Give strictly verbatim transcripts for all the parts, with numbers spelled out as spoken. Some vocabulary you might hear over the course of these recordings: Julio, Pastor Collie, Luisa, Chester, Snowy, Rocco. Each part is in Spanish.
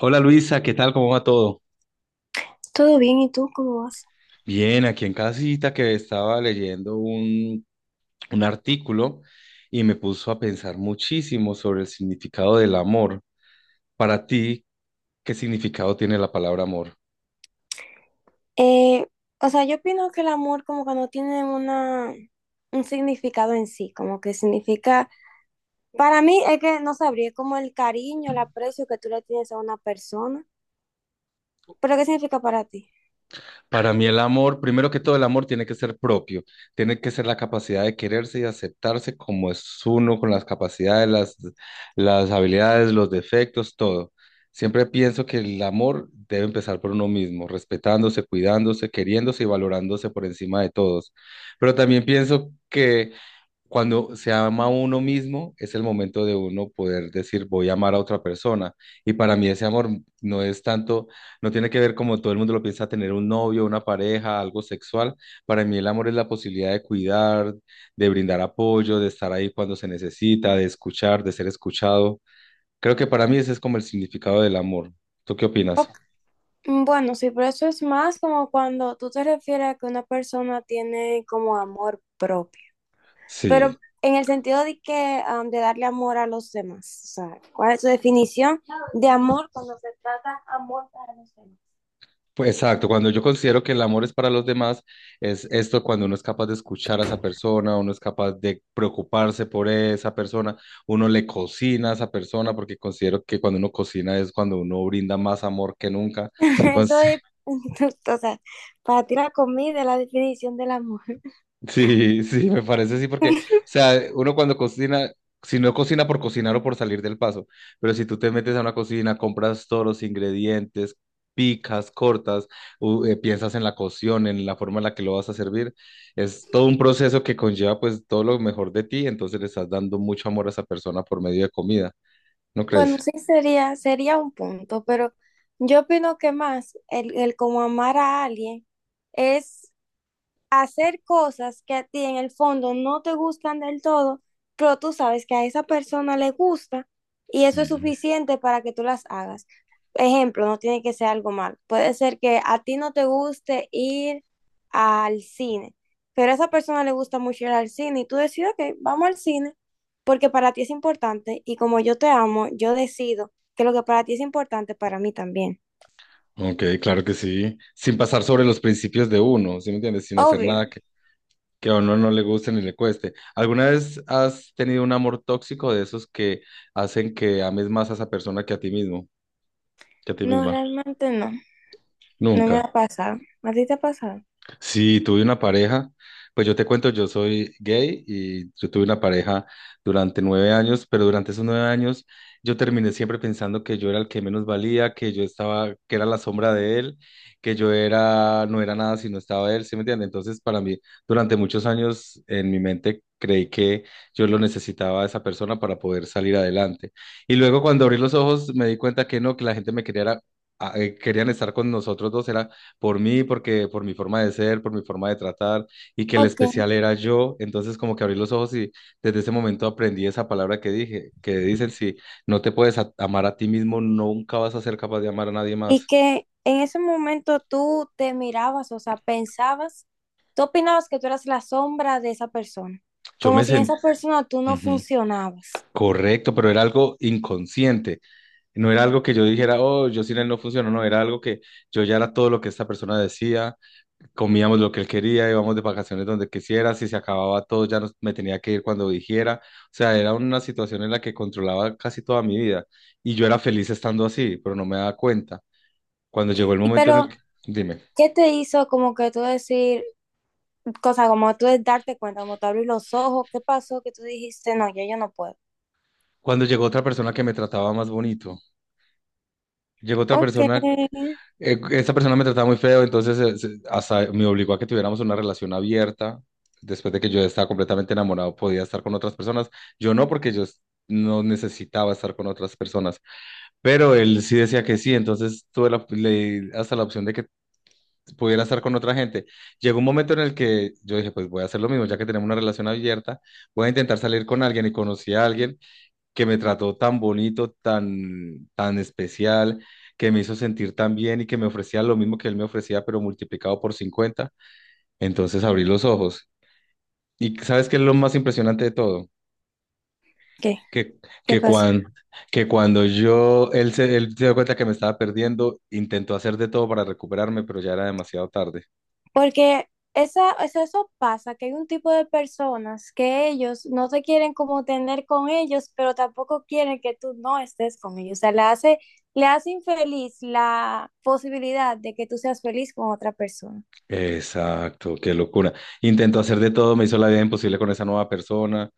Hola Luisa, ¿qué tal? ¿Cómo va todo? Todo bien, ¿y tú cómo vas? Bien, aquí en casita que estaba leyendo un, un artículo y me puso a pensar muchísimo sobre el significado del amor. Para ti, ¿qué significado tiene la palabra amor? Eh, o sea, yo opino que el amor como que no tiene una, un significado en sí, como que significa, para mí es que no sabría, es como el cariño, el aprecio que tú le tienes a una persona, pero ¿qué significa para ti? Para mí el amor, primero que todo el amor tiene que ser propio, tiene que ser la capacidad de quererse y aceptarse como es uno, con las capacidades, las, las habilidades, los defectos, todo. Siempre pienso que el amor debe empezar por uno mismo, respetándose, cuidándose, queriéndose y valorándose por encima de todos. Pero también pienso que cuando se ama a uno mismo, es el momento de uno poder decir, voy a amar a otra persona. Y para mí ese amor no es tanto, no tiene que ver como todo el mundo lo piensa, tener un novio, una pareja, algo sexual. Para mí el amor es la posibilidad de cuidar, de brindar apoyo, de estar ahí cuando se necesita, de escuchar, de ser escuchado. Creo que para mí ese es como el significado del amor. ¿Tú qué opinas? Mm. Bueno, sí, pero eso es más como cuando tú te refieres a que una persona tiene como amor propio. Sí. Pero en el sentido de que, am, de darle amor a los demás, o sea, ¿cuál es tu definición de amor cuando se trata amor para los demás? Pues, exacto, cuando yo considero que el amor es para los demás, es esto cuando uno es capaz de escuchar a esa persona, uno es capaz de preocuparse por esa persona, uno le cocina a esa persona, porque considero que cuando uno cocina es cuando uno brinda más amor que nunca. Eso es, o sea, para ti la comida es la definición del amor. Sí, sí, me parece así porque, o sea, uno cuando cocina, si no cocina por cocinar o por salir del paso, pero si tú te metes a una cocina, compras todos los ingredientes, picas, cortas, u- eh, piensas en la cocción, en la forma en la que lo vas a servir, es todo un proceso que conlleva pues todo lo mejor de ti, entonces le estás dando mucho amor a esa persona por medio de comida, ¿no crees? Bueno, sí sería, sería un punto, pero yo opino que más el, el como amar a alguien es hacer cosas que a ti en el fondo no te gustan del todo, pero tú sabes que a esa persona le gusta y eso es Sí. suficiente para que tú las hagas. Ejemplo, no tiene que ser algo mal. Puede ser que a ti no te guste ir al cine, pero a esa persona le gusta mucho ir al cine y tú decides, ok, vamos al cine porque para ti es importante y como yo te amo, yo decido que lo que para ti es importante, para mí también. Ok, claro que sí, sin pasar sobre los principios de uno, ¿sí me entiendes? Sin hacer Obvio. nada que, que a uno no le guste ni le cueste. ¿Alguna vez has tenido un amor tóxico de esos que hacen que ames más a esa persona que a ti mismo, que a ti No, misma? realmente no. No me Nunca. ha pasado. ¿A ti te ha pasado? Sí, tuve una pareja, pues yo te cuento, yo soy gay y yo tuve una pareja durante nueve años, pero durante esos nueve años yo terminé siempre pensando que yo era el que menos valía, que yo estaba, que era la sombra de él, que yo era, no era nada si no estaba él, ¿sí me entiendes? Entonces para mí, durante muchos años en mi mente creí que yo lo necesitaba a esa persona para poder salir adelante. Y luego cuando abrí los ojos me di cuenta que no, que la gente me quería, era- a- eh, querían estar con nosotros dos, era por mí, porque por mi forma de ser, por mi forma de tratar, y que el Ok. especial era yo. Entonces, como que abrí los ojos y desde ese momento aprendí esa palabra que dije, que dicen, si no te puedes a- amar a ti mismo, nunca vas a ser capaz de amar a nadie Y más. que en ese momento tú te mirabas, o sea, pensabas, tú opinabas que tú eras la sombra de esa persona, Yo como me si en esa sentí... persona tú no funcionabas. Correcto, pero era algo inconsciente. No era algo que yo dijera, oh, yo sin él no funciono, no, era algo que yo ya era todo lo que esta persona decía, comíamos lo que él quería, íbamos de vacaciones donde quisiera, si se acababa todo ya nos- me tenía que ir cuando dijera, o sea, era una situación en la que controlaba casi toda mi vida y yo era feliz estando así, pero no me daba cuenta. Cuando llegó el Y momento en el pero, que, dime, ¿qué te hizo como que tú decir, cosa como tú de darte cuenta, como tú abrir los ojos, qué pasó que tú dijiste, no, yo, yo no puedo? cuando llegó otra persona que me trataba más bonito, llegó otra Ok. persona, eh, esa persona me trataba muy feo, entonces eh, se- hasta me obligó a que tuviéramos una relación abierta. Después de que yo estaba completamente enamorado, podía estar con otras personas. Yo no, porque yo no necesitaba estar con otras personas. Pero él sí decía que sí, entonces tuve la- le di hasta la opción de que pudiera estar con otra gente. Llegó un momento en el que yo dije, pues voy a hacer lo mismo, ya que tenemos una relación abierta, voy a intentar salir con alguien y conocí a alguien que me trató tan bonito, tan, tan especial, que me hizo sentir tan bien y que me ofrecía lo mismo que él me ofrecía, pero multiplicado por cincuenta. Entonces abrí los ojos. ¿Y sabes qué es lo más impresionante de todo? ¿Qué? que, ¿Qué que, pasó? cuan- que cuando yo, él se, él se dio cuenta que me estaba perdiendo, intentó hacer de todo para recuperarme, pero ya era demasiado tarde. Porque esa, eso, eso pasa, que hay un tipo de personas que ellos no te quieren como tener con ellos, pero tampoco quieren que tú no estés con ellos. O sea, le hace, le hace infeliz la posibilidad de que tú seas feliz con otra persona. Exacto, qué locura. Intentó hacer de todo, me hizo la vida imposible con esa nueva persona,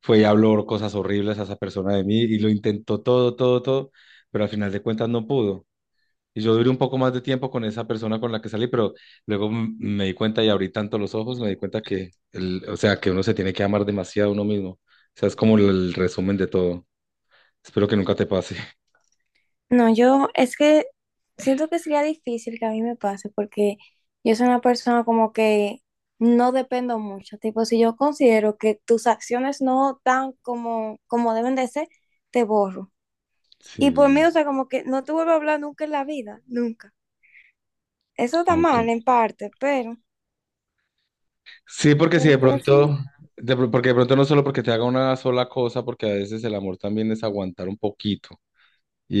fue y habló cosas horribles a esa persona de mí y lo intentó todo, todo, todo, pero al final de cuentas no pudo. Y yo duré un poco más de tiempo con esa persona con la que salí, pero luego m- me di cuenta y abrí tanto los ojos, me di cuenta que, el, o sea, que uno se tiene que amar demasiado a uno mismo. O sea, es como el, el resumen de todo. Espero que nunca te pase. No, yo es que siento que sería difícil que a mí me pase porque yo soy una persona como que no dependo mucho. Tipo, si yo considero que tus acciones no dan como, como deben de ser, te borro. Y por mí, Sí. o sea, como que no te vuelvo a hablar nunca en la vida, nunca. Eso está Ok. mal en parte, pero, Sí, porque si pero de por eso... no. pronto, de pro- porque de pronto no solo porque te haga una sola cosa, porque a veces el amor también es aguantar un poquito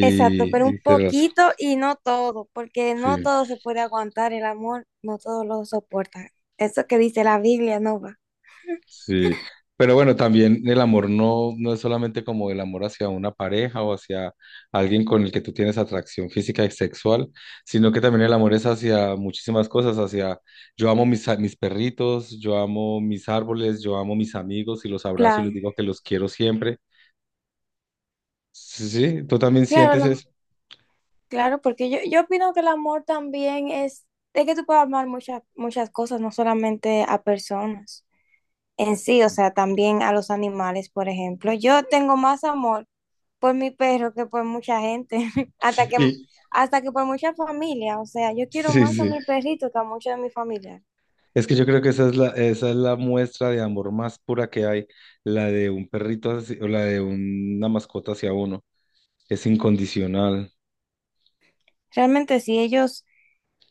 Exacto, pero y un ser poquito y no todo, porque no así. todo se puede aguantar el amor, no todo lo soporta. Eso que dice la Biblia no va. Sí, pero bueno, también el amor no, no es solamente como el amor hacia una pareja o hacia alguien con el que tú tienes atracción física y sexual, sino que también el amor es hacia muchísimas cosas, hacia yo amo mis, a- mis perritos, yo amo mis árboles, yo amo mis amigos y los abrazo y Claro, les digo que los quiero siempre. Sí, sí, tú también claro, sientes lo- eso. claro, porque yo, yo opino que el amor también es, es que tú puedes amar muchas, muchas cosas, no solamente a personas en sí, o sea, también a los animales, por ejemplo. Yo tengo más amor por mi perro que por mucha gente, hasta que, hasta que por mucha familia. O sea, yo Sí, quiero sí, más a sí. mi perrito que a muchos de mi familia. Es que yo creo que esa es la, esa es la muestra de amor más pura que hay, la de un perrito hacia- o la de una mascota hacia uno. Es incondicional. Realmente sí, ellos,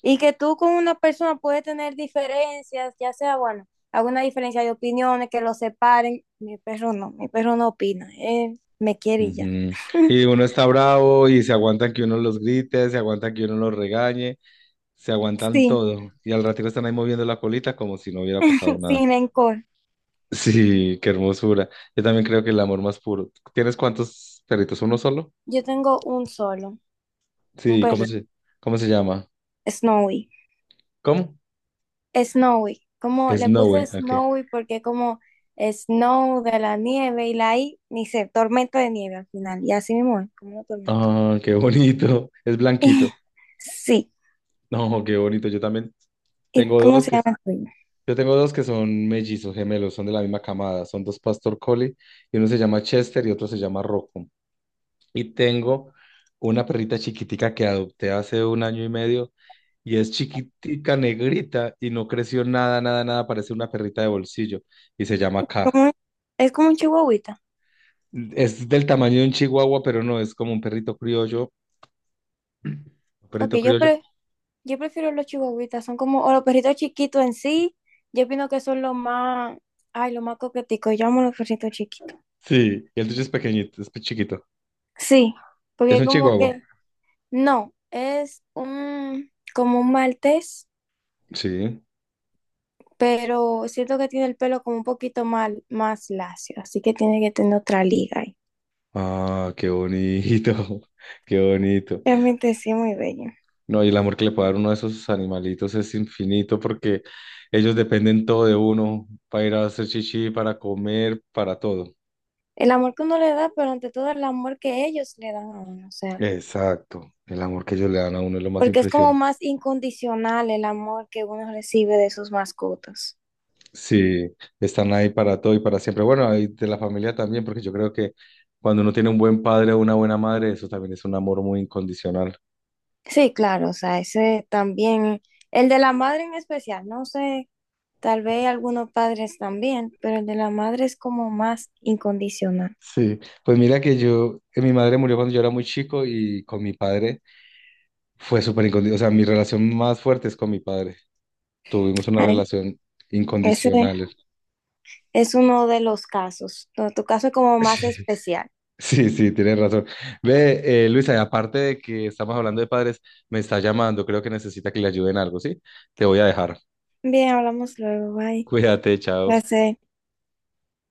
y que tú con una persona puedes tener diferencias, ya sea, bueno, alguna diferencia de opiniones, que los separen. Mi perro no, mi perro no opina, él me quiere y ya. Ujú. Y uno está bravo y se aguantan que uno los grite, se aguantan que uno los regañe, se aguantan Sí, todo. Y al ratito están ahí moviendo la colita como si no hubiera pasado nada. sin rencor. Sí, qué hermosura. Yo también creo que el amor más puro. ¿Tienes cuántos perritos? ¿Uno solo? Yo tengo un solo, un Sí, ¿cómo perro, se, ¿cómo se llama? Snowy. ¿Cómo? Snowy, como le puse Snowy, ok. Snowy porque como Snow de la nieve y la I, ni sé, tormenta de nieve al final, y así mismo es, como una tormenta. Ah, qué bonito. Es blanquito. Sí, No, qué bonito. Yo también ¿y tengo cómo dos se que llama el tuyo? Yo tengo dos que son mellizos, gemelos, son de la misma camada, son dos Pastor Collie, y uno se llama Chester y otro se llama Rocco. Y tengo una perrita chiquitica que adopté hace un año y medio, y es chiquitica, negrita, y no creció nada, nada, nada, parece una perrita de bolsillo, y se llama K. Como es como un chihuahuita. Es del tamaño de un chihuahua, pero no, es como un perrito criollo, un Ok, perrito yo, criollo. pre- yo prefiero los chihuahuitas, son como, o los perritos chiquitos en sí, yo opino que son los más, ay, los más coqueticos, yo amo los perritos chiquitos. Sí, y el tuyo es pequeñito, es chiquito. Sí, Es porque un como chihuahua. que, no, es un, como un maltés Sí. pero siento que tiene el pelo como un poquito mal, más lacio, así que tiene que tener otra liga ahí. Ah, qué bonito, qué bonito. Realmente sí, muy bello. No, y el amor que le puede dar uno de esos animalitos es infinito porque ellos dependen todo de uno para ir a hacer chichi, para comer, para todo. El amor que uno le da, pero ante todo el amor que ellos le dan a uno, o sea, Exacto, el amor que ellos le dan a uno es lo más porque es como impresionante. más incondicional el amor que uno recibe de sus mascotas. Sí, están ahí para todo y para siempre. Bueno, ahí de la familia también, porque yo creo que cuando uno tiene un buen padre o una buena madre, eso también es un amor muy incondicional. Sí, claro, o sea, ese también, el de la madre en especial, no sé, tal vez algunos padres también, pero el de la madre es como más incondicional. Sí, pues mira que yo, eh, mi madre murió cuando yo era muy chico y con mi padre fue súper incondicional. O sea, mi relación más fuerte es con mi padre. Tuvimos una Ay, relación ese incondicional. es uno de los casos. Tu tu caso es como más especial. Sí, sí, sí, tienes razón. Ve, eh, Luisa, y aparte de que estamos hablando de padres, me está llamando, creo que necesita que le ayuden algo, ¿sí? Te voy a dejar. Bien, hablamos luego. Bye. Cuídate, chao. Gracias.